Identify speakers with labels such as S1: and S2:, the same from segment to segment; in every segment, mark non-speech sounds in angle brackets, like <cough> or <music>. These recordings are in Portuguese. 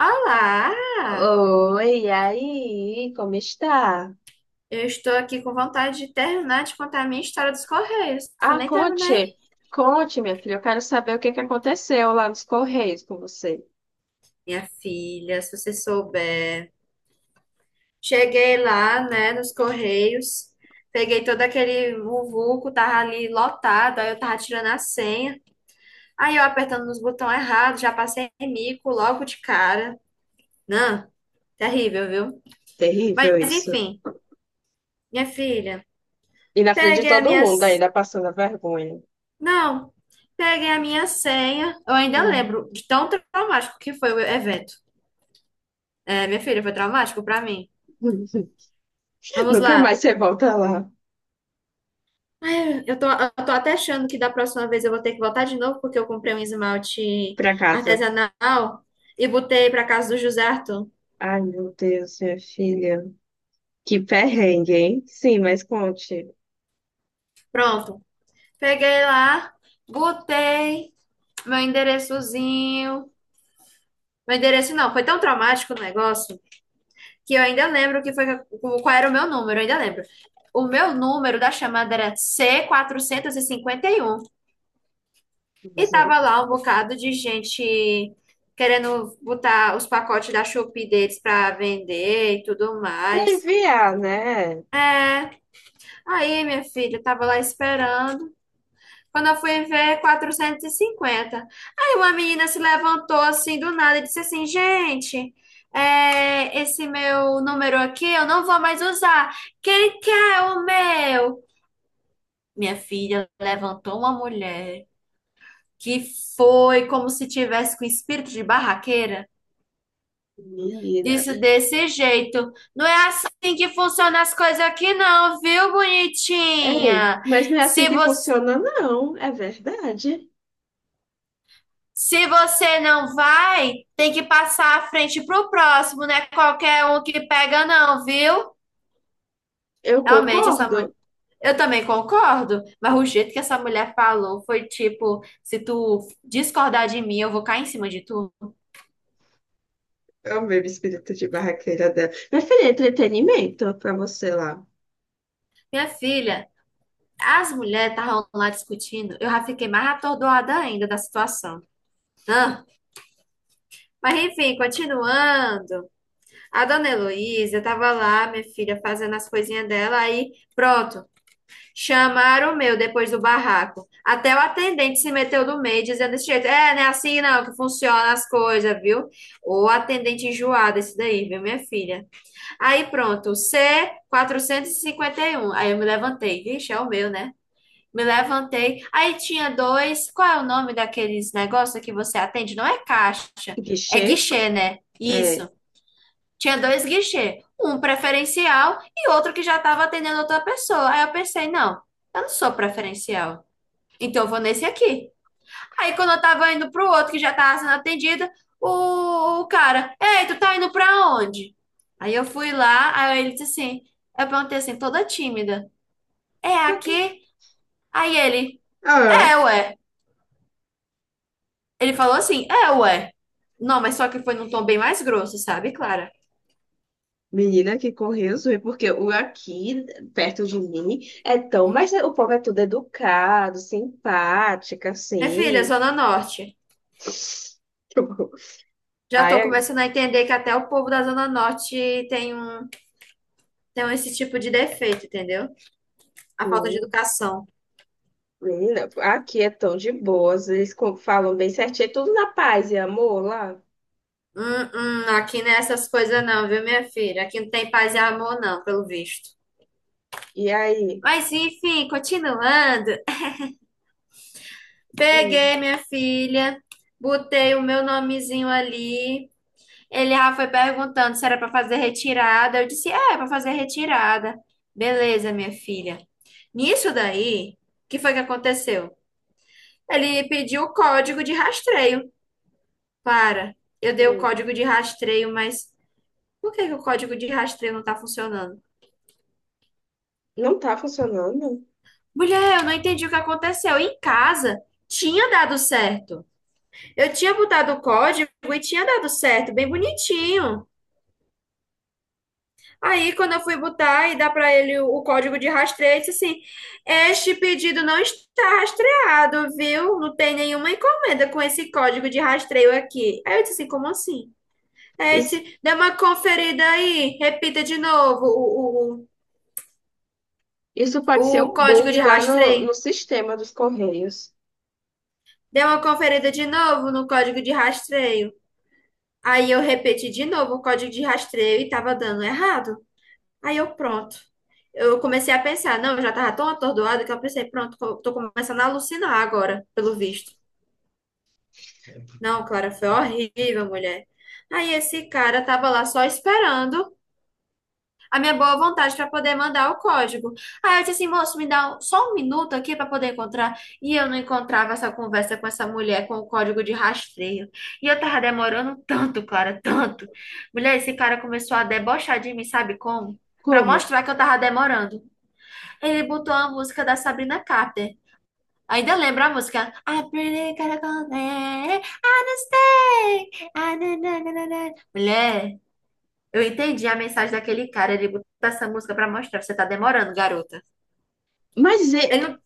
S1: Olá!
S2: Oi, e aí, como está?
S1: Eu estou aqui com vontade de terminar de contar a minha história dos Correios, que eu
S2: Ah,
S1: nem terminei.
S2: conte, conte, minha filha, eu quero saber o que que aconteceu lá nos Correios com você.
S1: Minha filha, se você souber. Cheguei lá, né, nos Correios, peguei todo aquele vuvuco, tava ali lotado, aí eu tava tirando a senha, aí eu apertando nos botões errados, já passei mico logo de cara. Não, terrível, viu? Mas
S2: Terrível isso.
S1: enfim, minha filha,
S2: E na frente de
S1: peguei a
S2: todo
S1: minha
S2: mundo ainda passando a vergonha.
S1: Não, peguei a minha senha. Eu ainda
S2: Hum.
S1: lembro de tão traumático que foi o evento. É, minha filha, foi traumático pra mim.
S2: <laughs>
S1: Vamos
S2: Nunca mais
S1: lá.
S2: você volta lá
S1: Eu tô até achando que da próxima vez eu vou ter que voltar de novo, porque eu comprei um esmalte
S2: pra casa.
S1: artesanal e botei pra casa do José Arthur.
S2: Ai, meu Deus, minha filha. Que perrengue, hein? Sim, mas conte.
S1: Pronto. Peguei lá, botei meu endereçozinho. Meu endereço não, foi tão traumático o negócio. Que eu ainda lembro que foi qual era o meu número, eu ainda lembro. O meu número da chamada era C451 e cinquenta e um. E tava
S2: Misericórdia.
S1: lá um bocado de gente querendo botar os pacotes da Shopee deles para vender e tudo
S2: Pra
S1: mais.
S2: enviar, né?
S1: É, aí minha filha eu tava lá esperando. Quando eu fui ver, 450, aí uma menina se levantou assim do nada e disse assim: Gente, é, esse meu número aqui eu não vou mais usar. Quem quer o meu? Minha filha, levantou uma mulher que foi como se tivesse com espírito de barraqueira.
S2: Menina.
S1: Disse desse jeito: Não é assim que funcionam as coisas aqui, não, viu,
S2: Ei,
S1: bonitinha?
S2: mas não é assim
S1: Se
S2: que
S1: você
S2: funciona, não. É verdade.
S1: Se você não vai, tem que passar a frente pro próximo, né? Qualquer um que pega, não, viu?
S2: Eu
S1: Realmente, essa mulher.
S2: concordo.
S1: Eu também concordo, mas o jeito que essa mulher falou foi tipo: se tu discordar de mim, eu vou cair em cima de tu.
S2: Eu mesmo espírito de barraqueira dela. Minha filha, entretenimento pra você lá.
S1: Minha filha, as mulheres estavam lá discutindo, eu já fiquei mais atordoada ainda da situação. Ah, mas enfim, continuando. A dona Heloísa tava lá, minha filha, fazendo as coisinhas dela, aí pronto. Chamaram o meu depois do barraco. Até o atendente se meteu do meio, dizendo desse jeito: É, não é assim não que funciona as coisas, viu? O atendente enjoado, esse daí, viu, minha filha? Aí pronto, c quatrocentos e cinquenta e um Aí eu me levantei. Vixe, é o meu, né? Me levantei. Aí tinha dois. Qual é o nome daqueles negócios que você atende? Não é caixa, é
S2: Guichê?
S1: guichê, né?
S2: É.
S1: Isso. Tinha dois guichês, um preferencial e outro que já estava atendendo outra pessoa. Aí eu pensei, não, eu não sou preferencial, então eu vou nesse aqui. Aí quando eu tava indo pro outro que já tava sendo atendido, o cara, ei, tu tá indo pra onde? Aí eu fui lá, aí ele disse assim, eu perguntei assim, toda tímida, é
S2: Pra quê?
S1: aqui? Aí ele,
S2: Ah,
S1: é, ué. Ele falou assim, é, ué. Não, mas só que foi num tom bem mais grosso, sabe, Clara?
S2: menina que correu, zoei, porque o aqui, perto de mim, é tão. Mas o povo é tudo educado, simpático,
S1: É, filha,
S2: assim.
S1: Zona Norte.
S2: <laughs>
S1: Já
S2: Ai,
S1: tô
S2: é-
S1: começando a entender que até o povo da Zona Norte tem um esse tipo de defeito, entendeu? A falta de
S2: hum,
S1: educação.
S2: menina, aqui é tão de boas. Eles co- falam bem certinho, é tudo na paz e amor lá.
S1: Hum, aqui não é essas coisas não, viu, minha filha? Aqui não tem paz e amor não, pelo visto.
S2: E aí?
S1: Mas enfim, continuando.
S2: Hum,
S1: Peguei, minha filha, botei o meu nomezinho ali. Ele já foi perguntando se era para fazer retirada. Eu disse, é, é para fazer retirada. Beleza, minha filha. Nisso daí, o que foi que aconteceu? Ele pediu o código de rastreio. Para, eu dei o
S2: hum,
S1: código de rastreio, mas por que que o código de rastreio não tá funcionando?
S2: não tá funcionando?
S1: Mulher, eu não entendi o que aconteceu. Em casa tinha dado certo. Eu tinha botado o código e tinha dado certo, bem bonitinho. Aí, quando eu fui botar e dar para ele o código de rastreio, ele disse assim: Este pedido não está rastreado, viu? Não tem nenhuma encomenda com esse código de rastreio aqui. Aí eu disse assim: Como assim? É,
S2: Isso,
S1: dê uma conferida aí. Repita de novo o,
S2: isso pode ser
S1: o, o
S2: um
S1: código
S2: bug
S1: de
S2: lá no
S1: rastreio.
S2: sistema dos Correios.
S1: Dê uma conferida de novo no código de rastreio. Aí eu repeti de novo o código de rastreio e tava dando errado. Aí eu, pronto. Eu comecei a pensar, não, eu já tava tão atordoada que eu pensei, pronto, tô começando a alucinar agora, pelo visto. Não, Clara, foi horrível, mulher. Aí esse cara tava lá só esperando a minha boa vontade para poder mandar o código. Aí eu disse assim, moço, só um minuto aqui para poder encontrar. E eu não encontrava essa conversa com essa mulher com o código de rastreio. E eu tava demorando tanto, Clara, tanto. Mulher, esse cara começou a debochar de mim, sabe como? Para
S2: Como?
S1: mostrar que eu tava demorando. Ele botou a música da Sabrina Carpenter. Ainda lembra a música? I pretty gotta go there. I don't stay. Ah, na, na, na, na, na. Mulher. Eu entendi a mensagem daquele cara. Ele botou essa música pra mostrar. Você tá demorando, garota.
S2: Mas e-
S1: Ele, não,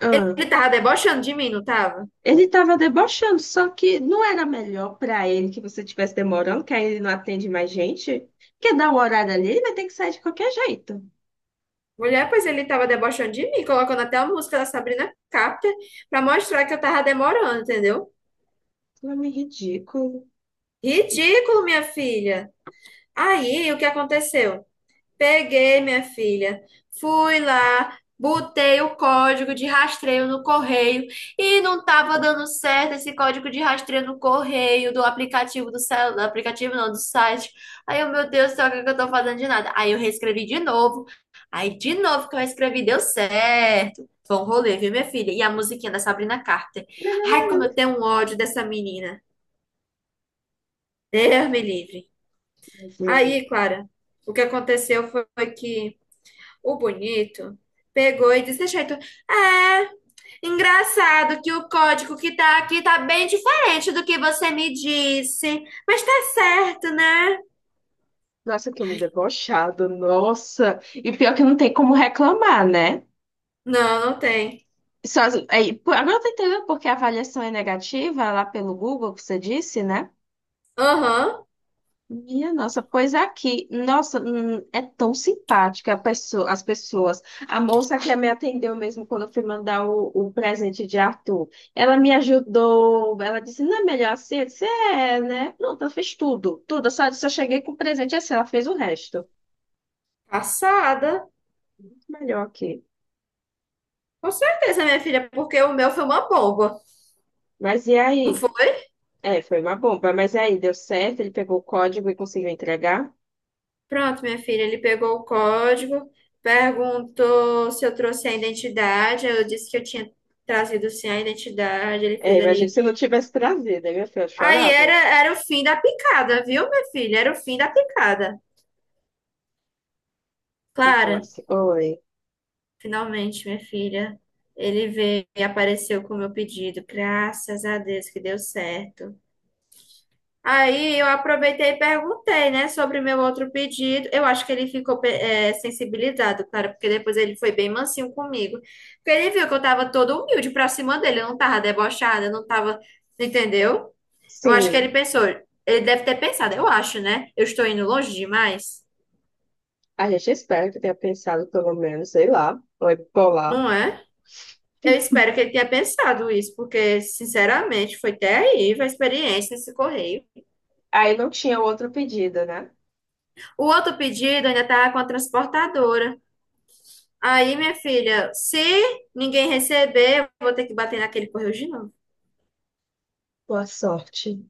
S2: ah,
S1: ele tava debochando de mim, não tava?
S2: ele estava debochando, só que não era melhor para ele que você estivesse demorando, que aí ele não atende mais gente? Quer dar um horário ali, ele vai ter que sair de qualquer jeito.
S1: Mulher, pois ele tava debochando de mim, colocando até a música da Sabrina Carpenter pra mostrar que eu tava demorando, entendeu?
S2: Nome ridículo.
S1: Ridículo, minha filha. Aí, o que aconteceu? Peguei, minha filha. Fui lá, botei o código de rastreio no correio e não estava dando certo esse código de rastreio no correio do aplicativo do celular, aplicativo não, do site. Aí eu, meu Deus do céu, o que que eu tô fazendo de nada? Aí eu reescrevi de novo. Aí de novo que eu escrevi deu certo. Foi um rolê, viu, minha filha? E a musiquinha da Sabrina Carter. Ai, como eu tenho um ódio dessa menina. Deus me livre.
S2: Mas eu-
S1: Aí, Clara, o que aconteceu foi que o bonito pegou e disse, jeito, é, engraçado que o código que tá aqui tá bem diferente do que você me disse, mas tá certo, né?
S2: Nossa, que homem debochado, nossa. E pior que não tem como reclamar, né?
S1: Não, não tem.
S2: Só, aí, pô, agora eu tô entendendo porque a avaliação é negativa lá pelo Google, que você disse, né?
S1: Aham.
S2: Minha nossa, pois é aqui, nossa, é tão simpática a pessoa, as pessoas. A moça que me atendeu mesmo quando eu fui mandar o presente de Arthur, ela me ajudou, ela disse, não é melhor assim? Eu disse, é, né? Pronto, ela fez tudo, tudo, eu só cheguei com o presente assim, ela fez o resto.
S1: Passada.
S2: Melhor aqui.
S1: Com certeza, minha filha, porque o meu foi uma boba,
S2: Mas e
S1: não
S2: aí?
S1: foi?
S2: É, foi uma bomba, mas e aí, deu certo, ele pegou o código e conseguiu entregar?
S1: Pronto, minha filha, ele pegou o código, perguntou se eu trouxe a identidade, eu disse que eu tinha trazido sim a identidade, ele
S2: É,
S1: fez
S2: imagina
S1: ali.
S2: se eu não tivesse trazido, aí minha filha eu
S1: Aí
S2: chorava.
S1: era o fim da picada, viu, minha filha? Era o fim da picada.
S2: Então,
S1: Clara,
S2: assim, oi,
S1: finalmente, minha filha, ele veio e apareceu com o meu pedido. Graças a Deus que deu certo. Aí eu aproveitei e perguntei, né, sobre meu outro pedido. Eu acho que ele ficou sensibilizado, cara, porque depois ele foi bem mansinho comigo. Porque ele viu que eu tava toda humilde pra cima dele, eu não tava debochada, eu não tava, entendeu? Eu acho que ele
S2: sim.
S1: pensou, ele deve ter pensado, eu acho, né? Eu estou indo longe demais,
S2: A gente espera que tenha pensado, pelo menos, sei lá, foi polar.
S1: não é? Eu espero que ele tenha pensado isso, porque, sinceramente, foi terrível a experiência nesse correio.
S2: Aí não tinha outro pedido, né?
S1: O outro pedido ainda tá com a transportadora. Aí, minha filha, se ninguém receber, eu vou ter que bater naquele correio de novo.
S2: Boa sorte.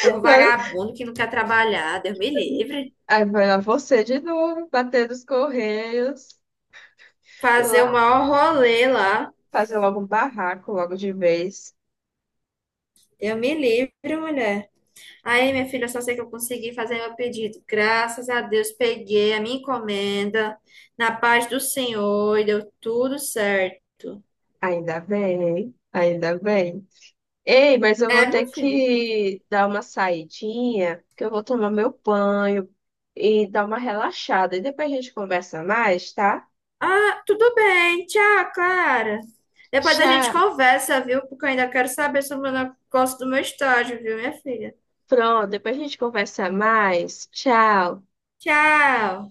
S1: Povo
S2: Mano,
S1: vagabundo que não quer trabalhar, Deus me livre.
S2: aí foi lá você de novo, bater nos correios,
S1: Fazer o
S2: lá
S1: maior rolê lá.
S2: fazer logo um barraco, logo de vez.
S1: Deus me livre, mulher. Aí, minha filha, eu só sei que eu consegui fazer meu pedido. Graças a Deus, peguei a minha encomenda na paz do Senhor e deu tudo certo.
S2: Ainda bem, ainda bem. Ei, mas eu
S1: É,
S2: vou
S1: minha
S2: ter
S1: filha.
S2: que dar uma saidinha, que eu vou tomar meu banho e dar uma relaxada. E depois a gente conversa mais, tá?
S1: Ah, tudo bem. Tchau, Clara. Depois a gente
S2: Tchau.
S1: conversa, viu? Porque eu ainda quero saber sobre o negócio do meu estágio, viu, minha filha?
S2: Pronto, depois a gente conversa mais. Tchau.
S1: Tchau.